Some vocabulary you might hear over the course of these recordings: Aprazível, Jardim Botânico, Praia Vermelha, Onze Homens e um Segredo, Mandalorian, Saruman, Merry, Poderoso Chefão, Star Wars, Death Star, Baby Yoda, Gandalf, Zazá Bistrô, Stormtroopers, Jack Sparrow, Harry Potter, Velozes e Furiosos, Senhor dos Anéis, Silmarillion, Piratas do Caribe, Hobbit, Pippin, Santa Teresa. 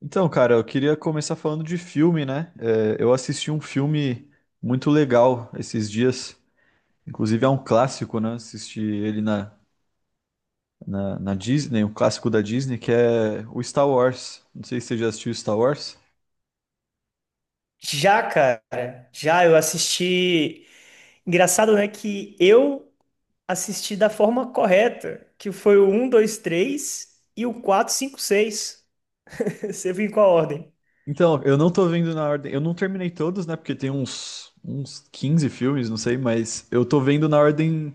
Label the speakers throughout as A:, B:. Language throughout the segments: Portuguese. A: Então, cara, eu queria começar falando de filme, né? Eu assisti um filme muito legal esses dias. Inclusive é um clássico, né? Assisti ele na Disney, um clássico da Disney, que é o Star Wars. Não sei se você já assistiu Star Wars.
B: Já, cara, já eu assisti. Engraçado, né, que eu assisti da forma correta, que foi o um, 2, 3 e o 4, 5, 6. Você viu em qual ordem?
A: Então, eu não tô vendo na ordem. Eu não terminei todos, né? Porque tem uns 15 filmes, não sei, mas eu tô vendo na ordem,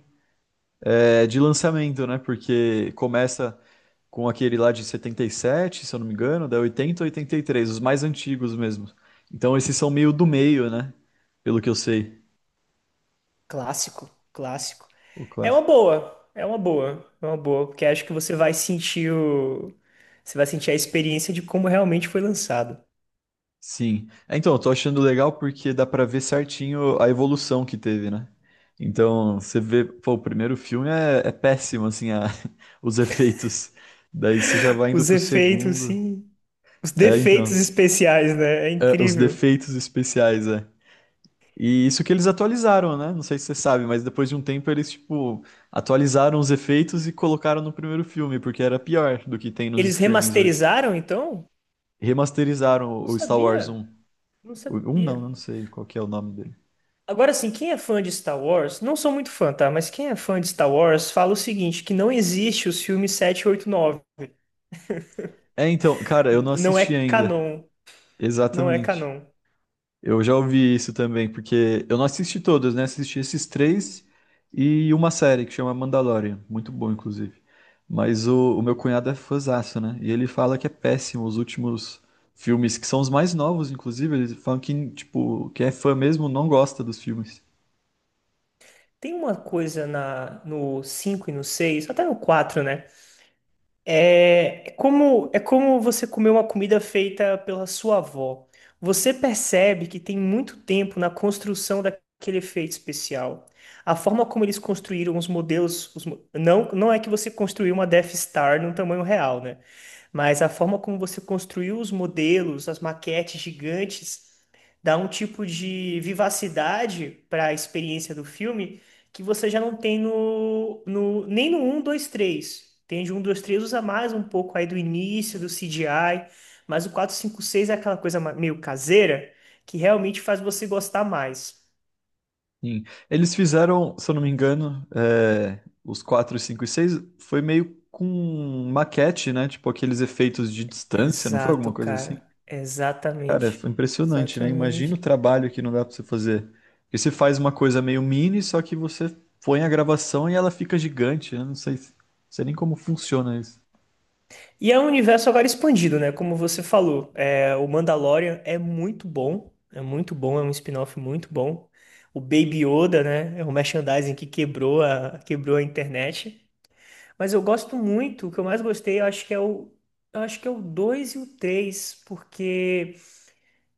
A: de lançamento, né? Porque começa com aquele lá de 77, se eu não me engano, da 80 ou 83, os mais antigos mesmo. Então esses são meio do meio, né? Pelo que eu sei,
B: Clássico, clássico.
A: o
B: É uma
A: clássico.
B: boa, é uma boa, é uma boa, porque acho que você vai sentir o... você vai sentir a experiência de como realmente foi lançado.
A: Sim. Então, eu tô achando legal porque dá pra ver certinho a evolução que teve, né? Então, você vê, pô, o primeiro filme é péssimo, assim, os efeitos. Daí você já vai indo
B: Os
A: pro
B: efeitos,
A: segundo.
B: sim, os
A: É,
B: defeitos
A: então.
B: especiais, né? É
A: É, os
B: incrível.
A: defeitos especiais, é. E isso que eles atualizaram, né? Não sei se você sabe, mas depois de um tempo eles, tipo, atualizaram os efeitos e colocaram no primeiro filme, porque era pior do que tem nos
B: Eles
A: streamings hoje.
B: remasterizaram, então?
A: Remasterizaram
B: Não
A: o Star Wars
B: sabia.
A: um.
B: Não
A: O 1 não, eu
B: sabia.
A: não sei qual que é o nome dele.
B: Agora, assim, quem é fã de Star Wars, não sou muito fã, tá? Mas quem é fã de Star Wars fala o seguinte, que não existe os filmes 7, 8, 9.
A: É, então, cara, eu não
B: Não
A: assisti
B: é
A: ainda.
B: canon. Não é
A: Exatamente.
B: canon.
A: Eu já ouvi isso também, porque eu não assisti todos, né? Assisti esses três e uma série que chama Mandalorian, muito bom, inclusive. Mas o meu cunhado é fãzaço, né? E ele fala que é péssimo os últimos filmes, que são os mais novos, inclusive. Eles falam que, tipo, quem é fã mesmo não gosta dos filmes.
B: Tem uma coisa no 5 e no seis, até no 4, né? É como você comer uma comida feita pela sua avó. Você percebe que tem muito tempo na construção daquele efeito especial. A forma como eles construíram os modelos, não, não é que você construiu uma Death Star num tamanho real, né? Mas a forma como você construiu os modelos, as maquetes gigantes, dá um tipo de vivacidade para a experiência do filme que você já não tem no nem no 1, 2, 3. Entende? Um 2 3 usa mais um pouco aí do início, do CGI, mas o 4 5 6 é aquela meio caseira que realmente faz você gostar mais.
A: Sim. Eles fizeram, se eu não me engano, os 4, 5 e 6, foi meio com maquete, né? Tipo, aqueles efeitos de distância, não foi
B: Exato,
A: alguma coisa assim?
B: cara.
A: Cara,
B: Exatamente.
A: foi impressionante, né? Imagina o
B: Exatamente.
A: trabalho que não dá pra você fazer. Porque você faz uma coisa meio mini, só que você põe a gravação e ela fica gigante. Eu não sei, sei nem como funciona isso.
B: E é um universo agora expandido, né? Como você falou, é, o Mandalorian é muito bom, é muito bom, é um spin-off muito bom. O Baby Yoda, né? É um merchandising que quebrou quebrou a internet. Mas eu gosto muito, o que eu mais gostei, eu acho que é o, eu acho que é o 2 e o 3, porque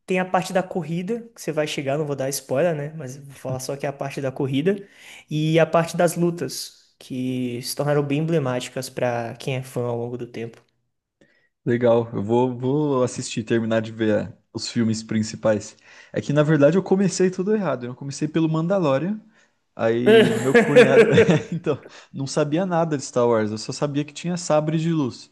B: tem a parte da corrida, que você vai chegar, não vou dar spoiler, né? Mas vou falar só que é a parte da corrida, e a parte das lutas, que se tornaram bem emblemáticas para quem é fã ao longo do tempo.
A: Legal, vou assistir, terminar de ver os filmes principais. É que, na verdade, eu comecei tudo errado. Eu comecei pelo Mandalorian. Aí meu cunhado, então, não sabia nada de Star Wars. Eu só sabia que tinha sabre de luz.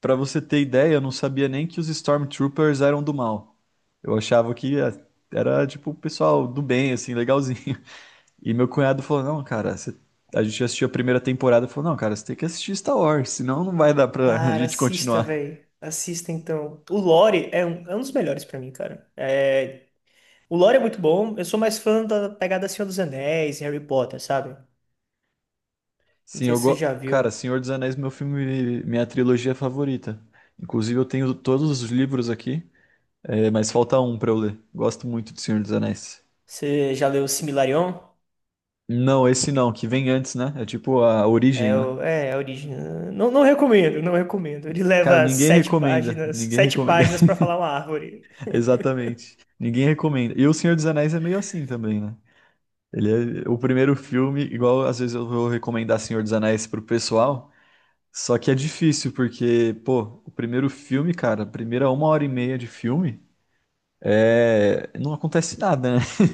A: Pra você ter ideia, eu não sabia nem que os Stormtroopers eram do mal. Eu achava que era tipo o pessoal do bem, assim, legalzinho. E meu cunhado falou: "Não, cara, a gente assistiu a primeira temporada." Falou: "Não, cara, você tem que assistir Star Wars, senão não vai dar pra a
B: Cara,
A: gente
B: assista,
A: continuar."
B: velho. Assista então. O Lore é um dos melhores pra mim, cara. É, o Lore é muito bom. Eu sou mais fã da pegada Senhor dos Anéis e Harry Potter, sabe? Não
A: Sim,
B: sei se você já
A: Cara,
B: viu.
A: Senhor dos Anéis, meu filme, minha trilogia favorita. Inclusive, eu tenho todos os livros aqui, mas falta um pra eu ler. Gosto muito de Senhor dos Anéis.
B: Você já leu Silmarillion?
A: Não, esse não, que vem antes, né? É tipo a origem, né?
B: É a origem. Não, não recomendo, não recomendo. Ele
A: Cara,
B: leva
A: ninguém
B: sete
A: recomenda.
B: páginas,
A: Ninguém
B: sete
A: recomenda.
B: páginas pra falar uma árvore.
A: Exatamente. Ninguém recomenda. E O Senhor dos Anéis é meio assim também, né? Ele é o primeiro filme, igual às vezes eu vou recomendar Senhor dos Anéis pro pessoal. Só que é difícil, porque, pô, o primeiro filme, cara, a primeira uma hora e meia de filme, é... não acontece nada, né?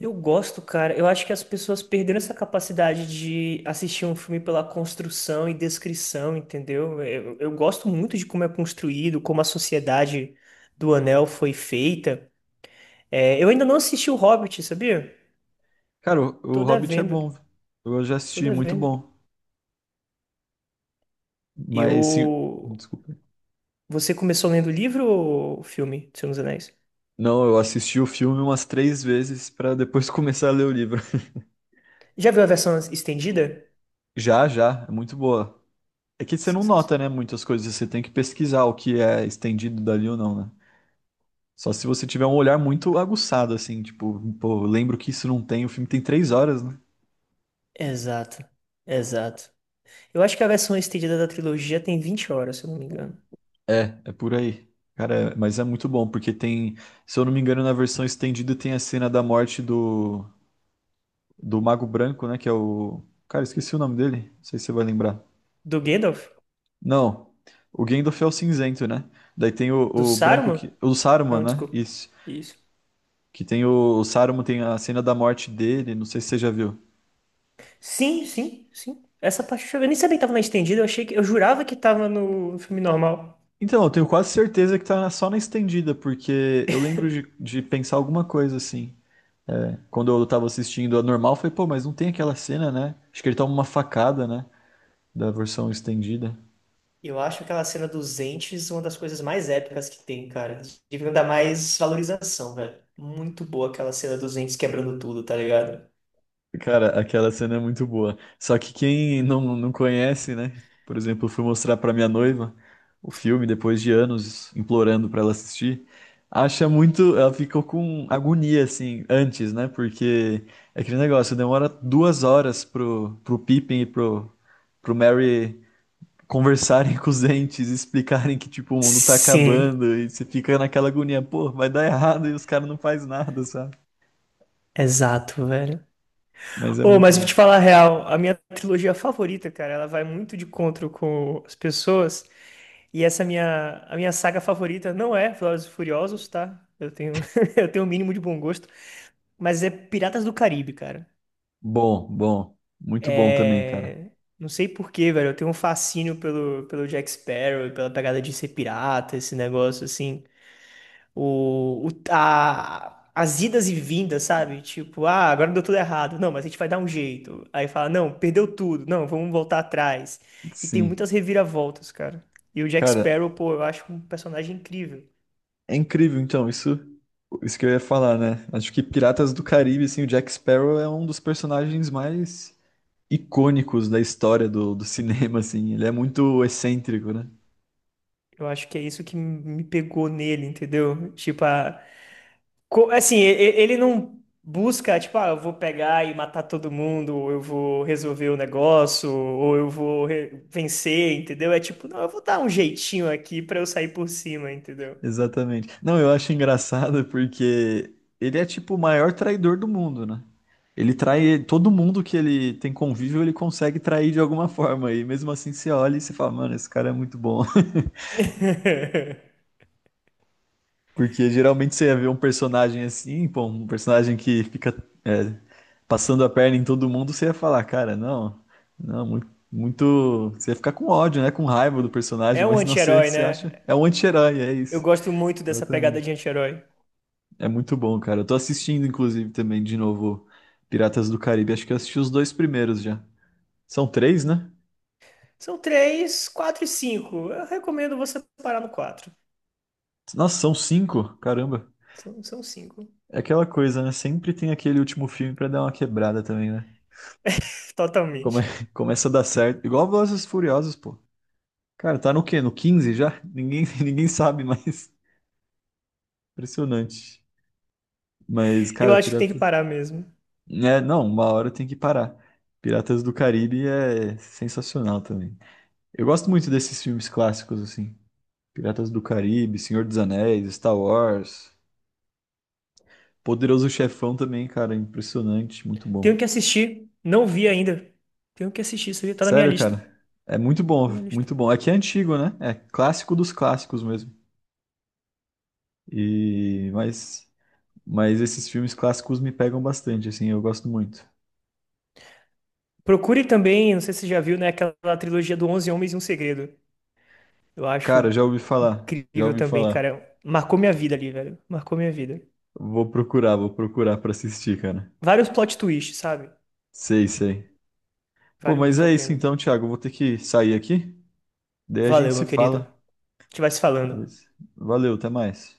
B: Eu gosto, cara. Eu acho que as pessoas perderam essa capacidade de assistir um filme pela construção e descrição, entendeu? Eu gosto muito de como é construído, como a sociedade do Anel foi feita. É, eu ainda não assisti o Hobbit, sabia?
A: Cara, o,
B: Tô
A: o Hobbit é
B: devendo,
A: bom. Eu já
B: tô
A: assisti, muito
B: devendo.
A: bom. Mas, sim...
B: Eu...
A: Desculpa.
B: Você começou lendo o livro ou o filme, do Senhor dos Anéis?
A: Não, eu assisti o filme umas três vezes pra depois começar a ler o livro.
B: Já viu a versão estendida?
A: Já, já, é muito boa. É que você não
B: Sensacional.
A: nota, né, muitas coisas, você tem que pesquisar o que é estendido dali ou não, né? Só se você tiver um olhar muito aguçado, assim, tipo, pô, eu lembro que isso não tem, o filme tem três horas, né?
B: Exato, exato. Eu acho que a versão estendida da trilogia tem 20 horas, se eu não me engano.
A: É, é por aí. Cara, mas é muito bom, porque tem, se eu não me engano, na versão estendida tem a cena da morte do Mago Branco, né, que é o... Cara, esqueci o nome dele, não sei se você vai lembrar.
B: Do Gandalf?
A: Não, o Gandalf é o cinzento, né? Daí tem
B: Do
A: o branco
B: Saruman?
A: que... O Saruman,
B: Não,
A: né?
B: desculpa.
A: Isso.
B: Isso.
A: Que tem o Saruman, tem a cena da morte dele, não sei se você já viu.
B: Sim, sim, sim. Essa parte eu nem sabia que tava na estendida, eu achei que eu jurava que tava no filme normal.
A: Então, eu tenho quase certeza que tá só na estendida, porque eu lembro de pensar alguma coisa assim. Quando eu tava assistindo a normal, eu falei, pô, mas não tem aquela cena, né? Acho que ele toma uma facada, né? Da versão estendida.
B: Eu acho aquela cena dos entes uma das coisas mais épicas que tem, cara. Devia dar mais valorização, velho. Muito boa aquela cena dos entes quebrando tudo, tá ligado?
A: Cara, aquela cena é muito boa. Só que quem não conhece, né? Por exemplo, eu fui mostrar pra minha noiva o filme depois de anos implorando pra ela assistir. Acha muito. Ela ficou com agonia, assim, antes, né? Porque é aquele negócio, demora duas horas pro Pippin e pro Merry conversarem com os entes, explicarem que, tipo, o mundo tá
B: Sim,
A: acabando e você fica naquela agonia, pô, vai dar errado e os caras não fazem nada, sabe?
B: exato, velho.
A: Mas é
B: Ô,
A: muito
B: mas vou te
A: bom.
B: falar a real, a minha trilogia favorita, cara, ela vai muito de encontro com as pessoas. E a minha saga favorita não é Velozes e Furiosos, tá? Eu tenho, eu tenho o mínimo de bom gosto, mas é Piratas do Caribe, cara.
A: Bom, bom, muito bom também, cara.
B: É, não sei por quê, velho. Eu tenho um fascínio pelo Jack Sparrow, pela pegada de ser pirata, esse negócio assim. As idas e vindas, sabe? Tipo, ah, agora deu tudo errado. Não, mas a gente vai dar um jeito. Aí fala, não, perdeu tudo. Não, vamos voltar atrás. E tem
A: Sim.
B: muitas reviravoltas, cara. E o Jack
A: Cara,
B: Sparrow, pô, eu acho um personagem incrível.
A: é incrível então, isso que eu ia falar, né? Acho que Piratas do Caribe, assim, o Jack Sparrow é um dos personagens mais icônicos da história do cinema, assim. Ele é muito excêntrico, né?
B: Eu acho que é isso que me pegou nele, entendeu? Ele não busca, tipo, ah, eu vou pegar e matar todo mundo, ou eu vou resolver o negócio, ou vencer, entendeu? É tipo, não, eu vou dar um jeitinho aqui pra eu sair por cima, entendeu?
A: Exatamente. Não, eu acho engraçado porque ele é tipo o maior traidor do mundo, né? Ele trai todo mundo que ele tem convívio, ele consegue trair de alguma forma. E mesmo assim você olha e você fala, mano, esse cara é muito bom. Porque geralmente você ia ver um personagem assim, pô, um personagem que fica é, passando a perna em todo mundo, você ia falar, cara, não, não, muito, muito. Você ia ficar com ódio, né? Com raiva do personagem,
B: É um
A: mas não,
B: anti-herói,
A: você
B: né?
A: acha. É um anti-herói, é
B: Eu
A: isso.
B: gosto muito dessa pegada
A: Exatamente.
B: de anti-herói.
A: É muito bom, cara. Eu tô assistindo, inclusive, também de novo Piratas do Caribe. Acho que eu assisti os dois primeiros já. São três, né?
B: São três, quatro e cinco. Eu recomendo você parar no quatro.
A: Nossa, são cinco. Caramba.
B: São cinco.
A: É aquela coisa, né? Sempre tem aquele último filme pra dar uma quebrada também, né? Come-
B: Totalmente.
A: Começa a dar certo. Igual Velozes e Furiosos, pô. Cara, tá no quê? No 15 já? Ninguém, ninguém sabe mais. Impressionante. Mas,
B: Eu
A: cara,
B: acho que tem que
A: Piratas.
B: parar mesmo.
A: É, não, uma hora tem que parar. Piratas do Caribe é sensacional também. Eu gosto muito desses filmes clássicos, assim. Piratas do Caribe, Senhor dos Anéis, Star Wars. Poderoso Chefão também, cara. Impressionante. Muito
B: Tenho
A: bom.
B: que assistir. Não vi ainda. Tenho que assistir isso aí. Tá na minha
A: Sério,
B: lista. Tá
A: cara. É muito bom,
B: na minha lista.
A: muito bom. Aqui é antigo, né? É clássico dos clássicos mesmo. Mas Mas esses filmes clássicos me pegam bastante, assim, eu gosto muito.
B: Procure também, não sei se você já viu, né? Aquela trilogia do Onze Homens e um Segredo. Eu acho
A: Cara, já ouvi falar, já
B: incrível
A: ouvi
B: também,
A: falar.
B: cara. Marcou minha vida ali, velho. Marcou minha vida.
A: Vou procurar pra assistir, cara.
B: Vários plot twists, sabe?
A: Sei, sei. Pô,
B: Vale
A: mas
B: muito a
A: é isso
B: pena.
A: então, Thiago. Vou ter que sair aqui. Daí a
B: Valeu,
A: gente
B: meu
A: se
B: querido. A
A: fala.
B: gente vai se falando.
A: Beleza? Valeu, até mais.